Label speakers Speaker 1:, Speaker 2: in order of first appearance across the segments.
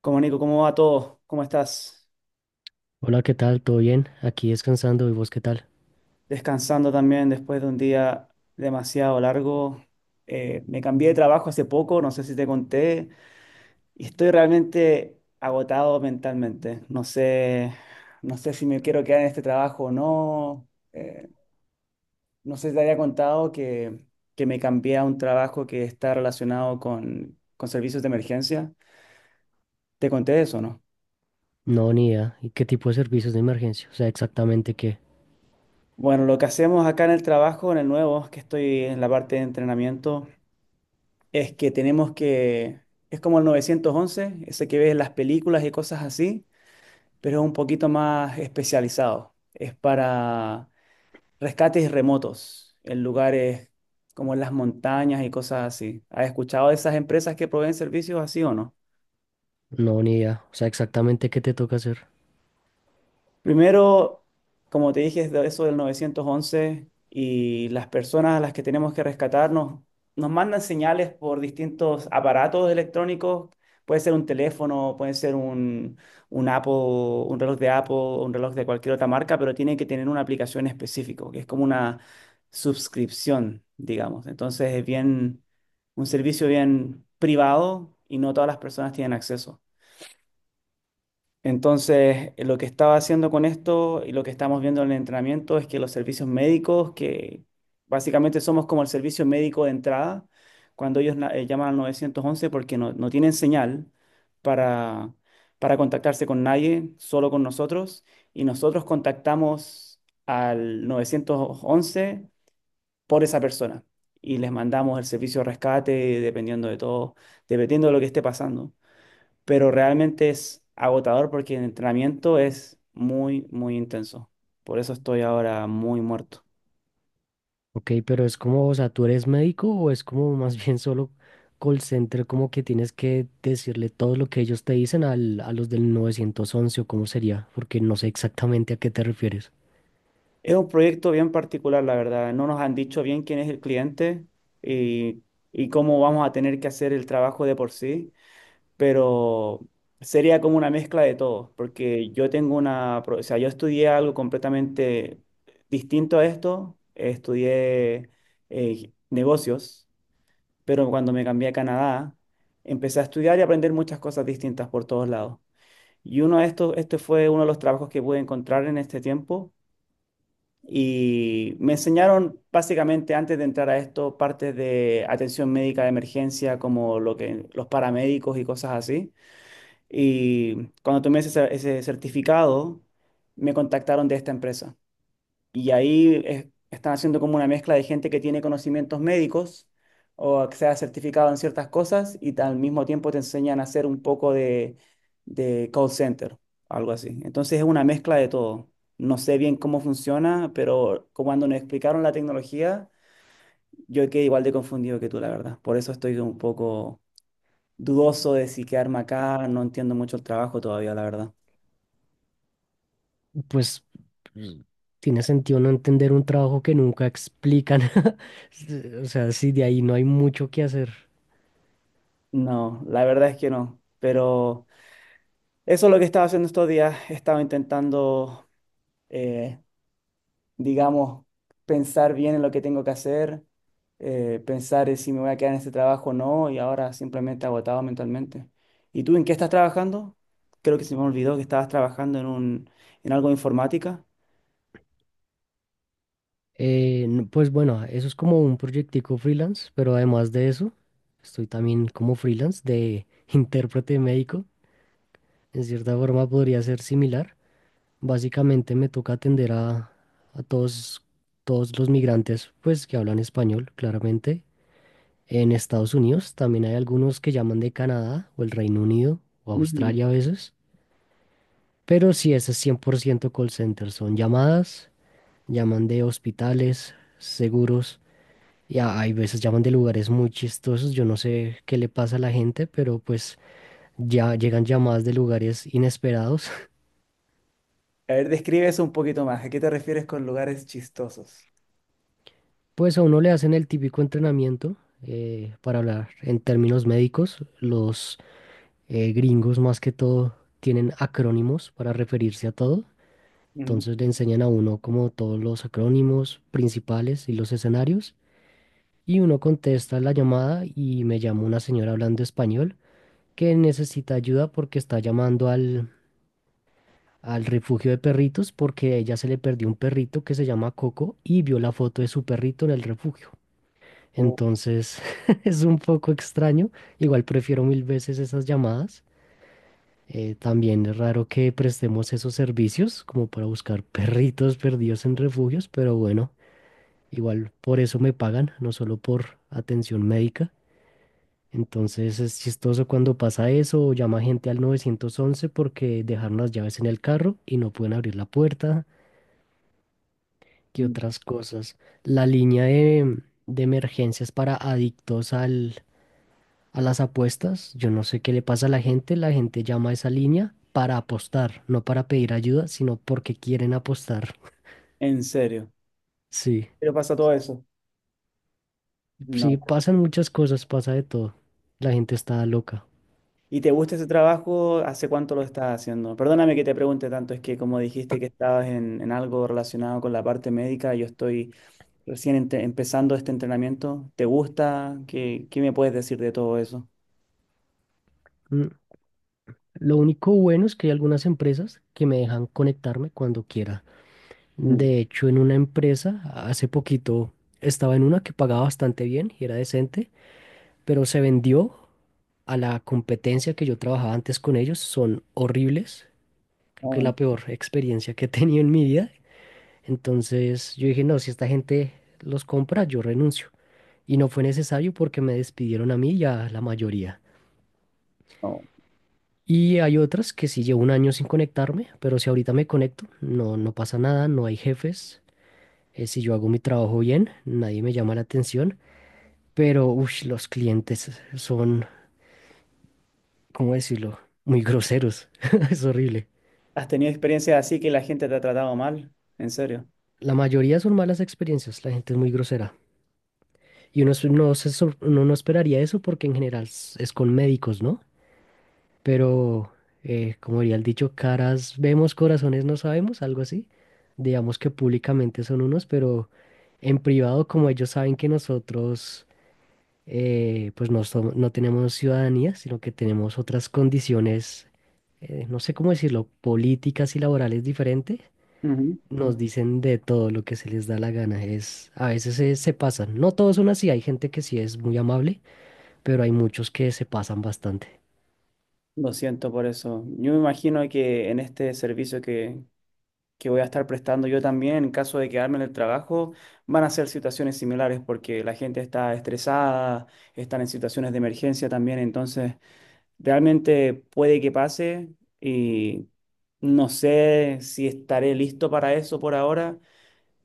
Speaker 1: Como Nico, ¿cómo va todo? ¿Cómo estás?
Speaker 2: Hola, ¿qué tal? ¿Todo bien? Aquí descansando. ¿Y vos qué tal?
Speaker 1: Descansando también después de un día demasiado largo. Me cambié de trabajo hace poco, no sé si te conté, y estoy realmente agotado mentalmente. No sé si me quiero quedar en este trabajo o no. No sé si te había contado que me cambié a un trabajo que está relacionado con servicios de emergencia. ¿Te conté eso o no?
Speaker 2: No, ni idea. ¿Y qué tipo de servicios de emergencia? O sea, exactamente qué.
Speaker 1: Bueno, lo que hacemos acá en el trabajo, en el nuevo, que estoy en la parte de entrenamiento, es que tenemos que, es como el 911 ese que ves en las películas y cosas así, pero es un poquito más especializado. Es para rescates remotos en lugares como en las montañas y cosas así. ¿Has escuchado de esas empresas que proveen servicios así o no?
Speaker 2: No, ni idea. O sea, exactamente qué te toca hacer.
Speaker 1: Primero, como te dije, es de eso del 911 y las personas a las que tenemos que rescatarnos nos mandan señales por distintos aparatos electrónicos. Puede ser un teléfono, puede ser un Apple, un reloj de Apple, un reloj de cualquier otra marca, pero tiene que tener una aplicación específica, que es como una suscripción, digamos. Entonces es bien, un servicio bien privado y no todas las personas tienen acceso. Entonces, lo que estaba haciendo con esto y lo que estamos viendo en el entrenamiento es que los servicios médicos, que básicamente somos como el servicio médico de entrada, cuando ellos llaman al 911 porque no tienen señal para, para contactarse con nadie, solo con nosotros, y nosotros contactamos al 911 por esa persona y les mandamos el servicio de rescate dependiendo de todo, dependiendo de lo que esté pasando, pero realmente es agotador porque el entrenamiento es muy, muy intenso. Por eso estoy ahora muy muerto.
Speaker 2: Ok, pero es como, o sea, ¿tú eres médico o es como más bien solo call center, como que tienes que decirle todo lo que ellos te dicen al, a los del 911 o cómo sería? Porque no sé exactamente a qué te refieres.
Speaker 1: Es un proyecto bien particular, la verdad. No nos han dicho bien quién es el cliente y, y cómo vamos a tener que hacer el trabajo de por sí, pero sería como una mezcla de todo, porque yo tengo o sea, yo estudié algo completamente distinto a esto. Estudié negocios. Pero cuando me cambié a Canadá, empecé a estudiar y aprender muchas cosas distintas por todos lados. Y uno de estos, este fue uno de los trabajos que pude encontrar en este tiempo. Y me enseñaron básicamente antes de entrar a esto partes de atención médica de emergencia, como lo que, los paramédicos y cosas así. Y cuando tomé ese certificado, me contactaron de esta empresa. Y ahí están haciendo como una mezcla de gente que tiene conocimientos médicos o que sea certificado en ciertas cosas y al mismo tiempo te enseñan a hacer un poco de call center, algo así. Entonces es una mezcla de todo. No sé bien cómo funciona, pero como cuando nos explicaron la tecnología, yo quedé igual de confundido que tú, la verdad. Por eso estoy un poco dudoso de si quedarme acá. No entiendo mucho el trabajo todavía, la verdad.
Speaker 2: Pues, mm, tiene sentido no entender un trabajo que nunca explican. O sea, si de ahí no hay mucho que hacer.
Speaker 1: No, la verdad es que no. Pero eso es lo que estaba haciendo estos días. He estado intentando, eh, digamos, pensar bien en lo que tengo que hacer, pensar en si me voy a quedar en este trabajo o no, y ahora simplemente agotado mentalmente. ¿Y tú en qué estás trabajando? Creo que se me olvidó que estabas trabajando en en algo de informática.
Speaker 2: No, pues bueno, eso es como un proyectico freelance, pero además de eso, estoy también como freelance de intérprete médico. En cierta forma podría ser similar. Básicamente me toca atender a todos, todos los migrantes pues, que hablan español, claramente. En Estados Unidos también hay algunos que llaman de Canadá o el Reino Unido o
Speaker 1: Ujú.
Speaker 2: Australia a veces. Pero sí, ese es 100% call center. Son llamadas, llaman de hospitales, seguros. Y a- hay veces llaman de lugares muy chistosos, yo no sé qué le pasa a la gente, pero pues ya llegan llamadas de lugares inesperados.
Speaker 1: A ver, describe eso un poquito más. ¿A qué te refieres con lugares chistosos?
Speaker 2: Pues a uno le hacen el típico entrenamiento, para hablar en términos médicos, los gringos más que todo tienen acrónimos para referirse a todo.
Speaker 1: Ujú.
Speaker 2: Entonces le enseñan a uno como todos los acrónimos principales y los escenarios. Y uno contesta la llamada y me llama una señora hablando español que necesita ayuda porque está llamando al al refugio de perritos porque a ella se le perdió un perrito que se llama Coco y vio la foto de su perrito en el refugio.
Speaker 1: Oh,
Speaker 2: Entonces es un poco extraño. Igual prefiero mil veces esas llamadas. También es raro que prestemos esos servicios como para buscar perritos perdidos en refugios, pero bueno, igual por eso me pagan, no solo por atención médica. Entonces es chistoso cuando pasa eso, o llama gente al 911 porque dejaron las llaves en el carro y no pueden abrir la puerta. ¿Qué
Speaker 1: mm.
Speaker 2: otras cosas? La línea de emergencias para adictos al, a las apuestas. Yo no sé qué le pasa a la gente. La gente llama a esa línea para apostar, no para pedir ayuda, sino porque quieren apostar.
Speaker 1: ¿En serio?
Speaker 2: Sí,
Speaker 1: ¿Qué le pasa todo eso?
Speaker 2: sí,
Speaker 1: No.
Speaker 2: pasan muchas cosas, pasa de todo. La gente está loca.
Speaker 1: ¿Y te gusta ese trabajo? ¿Hace cuánto lo estás haciendo? Perdóname que te pregunte tanto, es que como dijiste que estabas en algo relacionado con la parte médica, yo estoy empezando este entrenamiento. ¿Te gusta? Qué me puedes decir de todo eso?
Speaker 2: Mm, lo único bueno es que hay algunas empresas que me dejan conectarme cuando quiera.
Speaker 1: Mm,
Speaker 2: De hecho, en una empresa, hace poquito estaba en una que pagaba bastante bien y era decente, pero se vendió a la competencia. Que yo trabajaba antes con ellos, son horribles. Creo que es
Speaker 1: oh,
Speaker 2: la peor experiencia que he tenido en mi vida. Entonces yo dije, no, si esta gente los compra, yo renuncio. Y no fue necesario porque me despidieron a mí y a la mayoría.
Speaker 1: no.
Speaker 2: Y hay otras que sí llevo un año sin conectarme, pero si ahorita me conecto, no, no pasa nada, no hay jefes. Si yo hago mi trabajo bien, nadie me llama la atención. Pero uy, los clientes son, ¿cómo decirlo? Muy groseros. Es horrible.
Speaker 1: ¿Has tenido experiencias así que la gente te ha tratado mal? ¿En serio?
Speaker 2: La mayoría son malas experiencias, la gente es muy grosera. Y uno, es- no se sor- uno no esperaría eso porque en general es con médicos, ¿no? Pero, como diría el dicho, caras vemos, corazones no sabemos, algo así. Digamos que públicamente son unos, pero en privado, como ellos saben que nosotros, pues no, som- no tenemos ciudadanía, sino que tenemos otras condiciones, no sé cómo decirlo, políticas y laborales diferentes,
Speaker 1: Ujú.
Speaker 2: nos dicen de todo lo que se les da la gana. Es, a veces se, se pasan. No todos son así, hay gente que sí es muy amable, pero hay muchos que se pasan bastante.
Speaker 1: Lo siento por eso. Yo me imagino que en este servicio que voy a estar prestando yo también en caso de quedarme en el trabajo, van a ser situaciones similares porque la gente está estresada, están en situaciones de emergencia también, entonces realmente puede que pase y no sé si estaré listo para eso por ahora.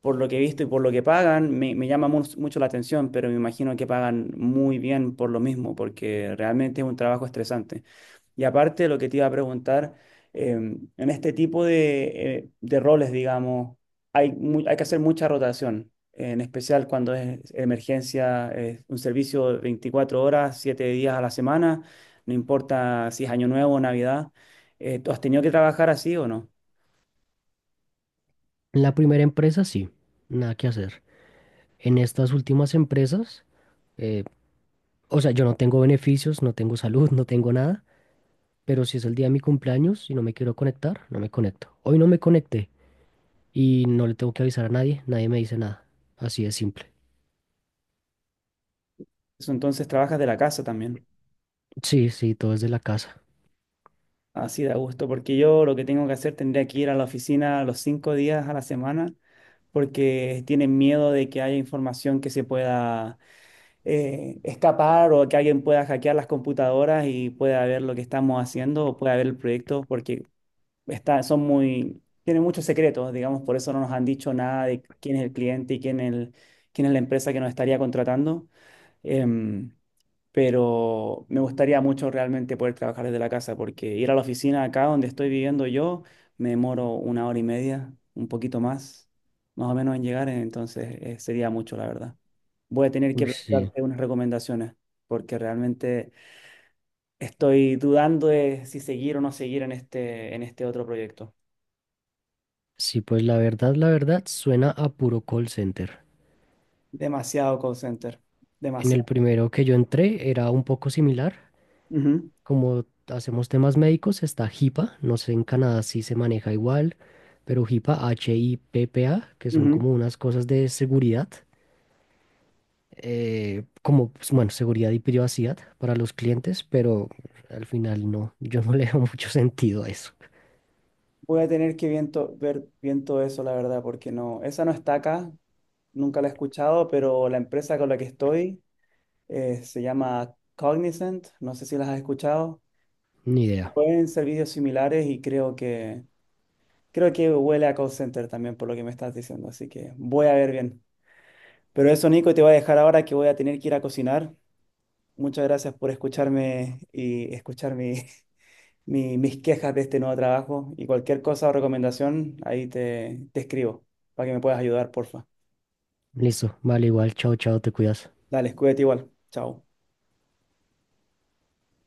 Speaker 1: Por lo que he visto y por lo que pagan, me llama mucho la atención, pero me imagino que pagan muy bien por lo mismo, porque realmente es un trabajo estresante. Y aparte, lo que te iba a preguntar, en este tipo de de roles, digamos, hay que hacer mucha rotación, en especial cuando es emergencia, es un servicio de 24 horas, 7 días a la semana, no importa si es Año Nuevo o Navidad. ¿Tú has tenido que trabajar así o no?
Speaker 2: En la primera empresa sí, nada que hacer. En estas últimas empresas, eh, o sea, yo no tengo beneficios, no tengo salud, no tengo nada, pero si es el día de mi cumpleaños y no me quiero conectar, no me conecto. Hoy no me conecté y no le tengo que avisar a nadie, nadie me dice nada. Así de simple.
Speaker 1: Eso. Entonces trabajas de la casa también.
Speaker 2: Sí, sí, todo es de la casa.
Speaker 1: Así da gusto, porque yo lo que tengo que hacer tendría que ir a la oficina los cinco días a la semana, porque tienen miedo de que haya información que se pueda escapar o que alguien pueda hackear las computadoras y pueda ver lo que estamos haciendo o pueda ver el proyecto, porque está, son muy, tienen muchos secretos, digamos. Por eso no nos han dicho nada de quién es el cliente y quién es la empresa que nos estaría contratando. Em, pero me gustaría mucho realmente poder trabajar desde la casa, porque ir a la oficina acá donde estoy viviendo yo, me demoro una hora y media, un poquito más, más o menos en llegar, entonces sería mucho, la verdad. Voy a tener que
Speaker 2: Uy, sí.
Speaker 1: preguntarte unas recomendaciones, porque realmente estoy dudando de si seguir o no seguir en este otro proyecto.
Speaker 2: Sí, pues la verdad, suena a puro call center.
Speaker 1: Demasiado call center,
Speaker 2: En el
Speaker 1: demasiado.
Speaker 2: primero que yo entré era un poco similar.
Speaker 1: Ujú,
Speaker 2: Como hacemos temas médicos, está HIPAA. No sé en Canadá si se maneja igual, pero HIPAA, H-I-P-P-A, que son
Speaker 1: ujú.
Speaker 2: como unas cosas de seguridad, como, pues, bueno, seguridad y privacidad para los clientes, pero al final no, yo no le veo mucho sentido a eso.
Speaker 1: Voy a tener que viento, ver bien todo eso, la verdad, porque no, esa no está acá. Nunca la he escuchado, pero la empresa con la que estoy se llama Cognizant. No sé si las has escuchado.
Speaker 2: Ni idea.
Speaker 1: Pueden servicios similares y creo que huele a call center también por lo que me estás diciendo, así que voy a ver bien. Pero eso, Nico, te voy a dejar ahora que voy a tener que ir a cocinar. Muchas gracias por escucharme y escuchar mis quejas de este nuevo trabajo, y cualquier cosa o recomendación, ahí te escribo para que me puedas ayudar, porfa.
Speaker 2: Listo, vale, igual, chao, chao, te cuidas.
Speaker 1: Dale, cuídate igual. Chao.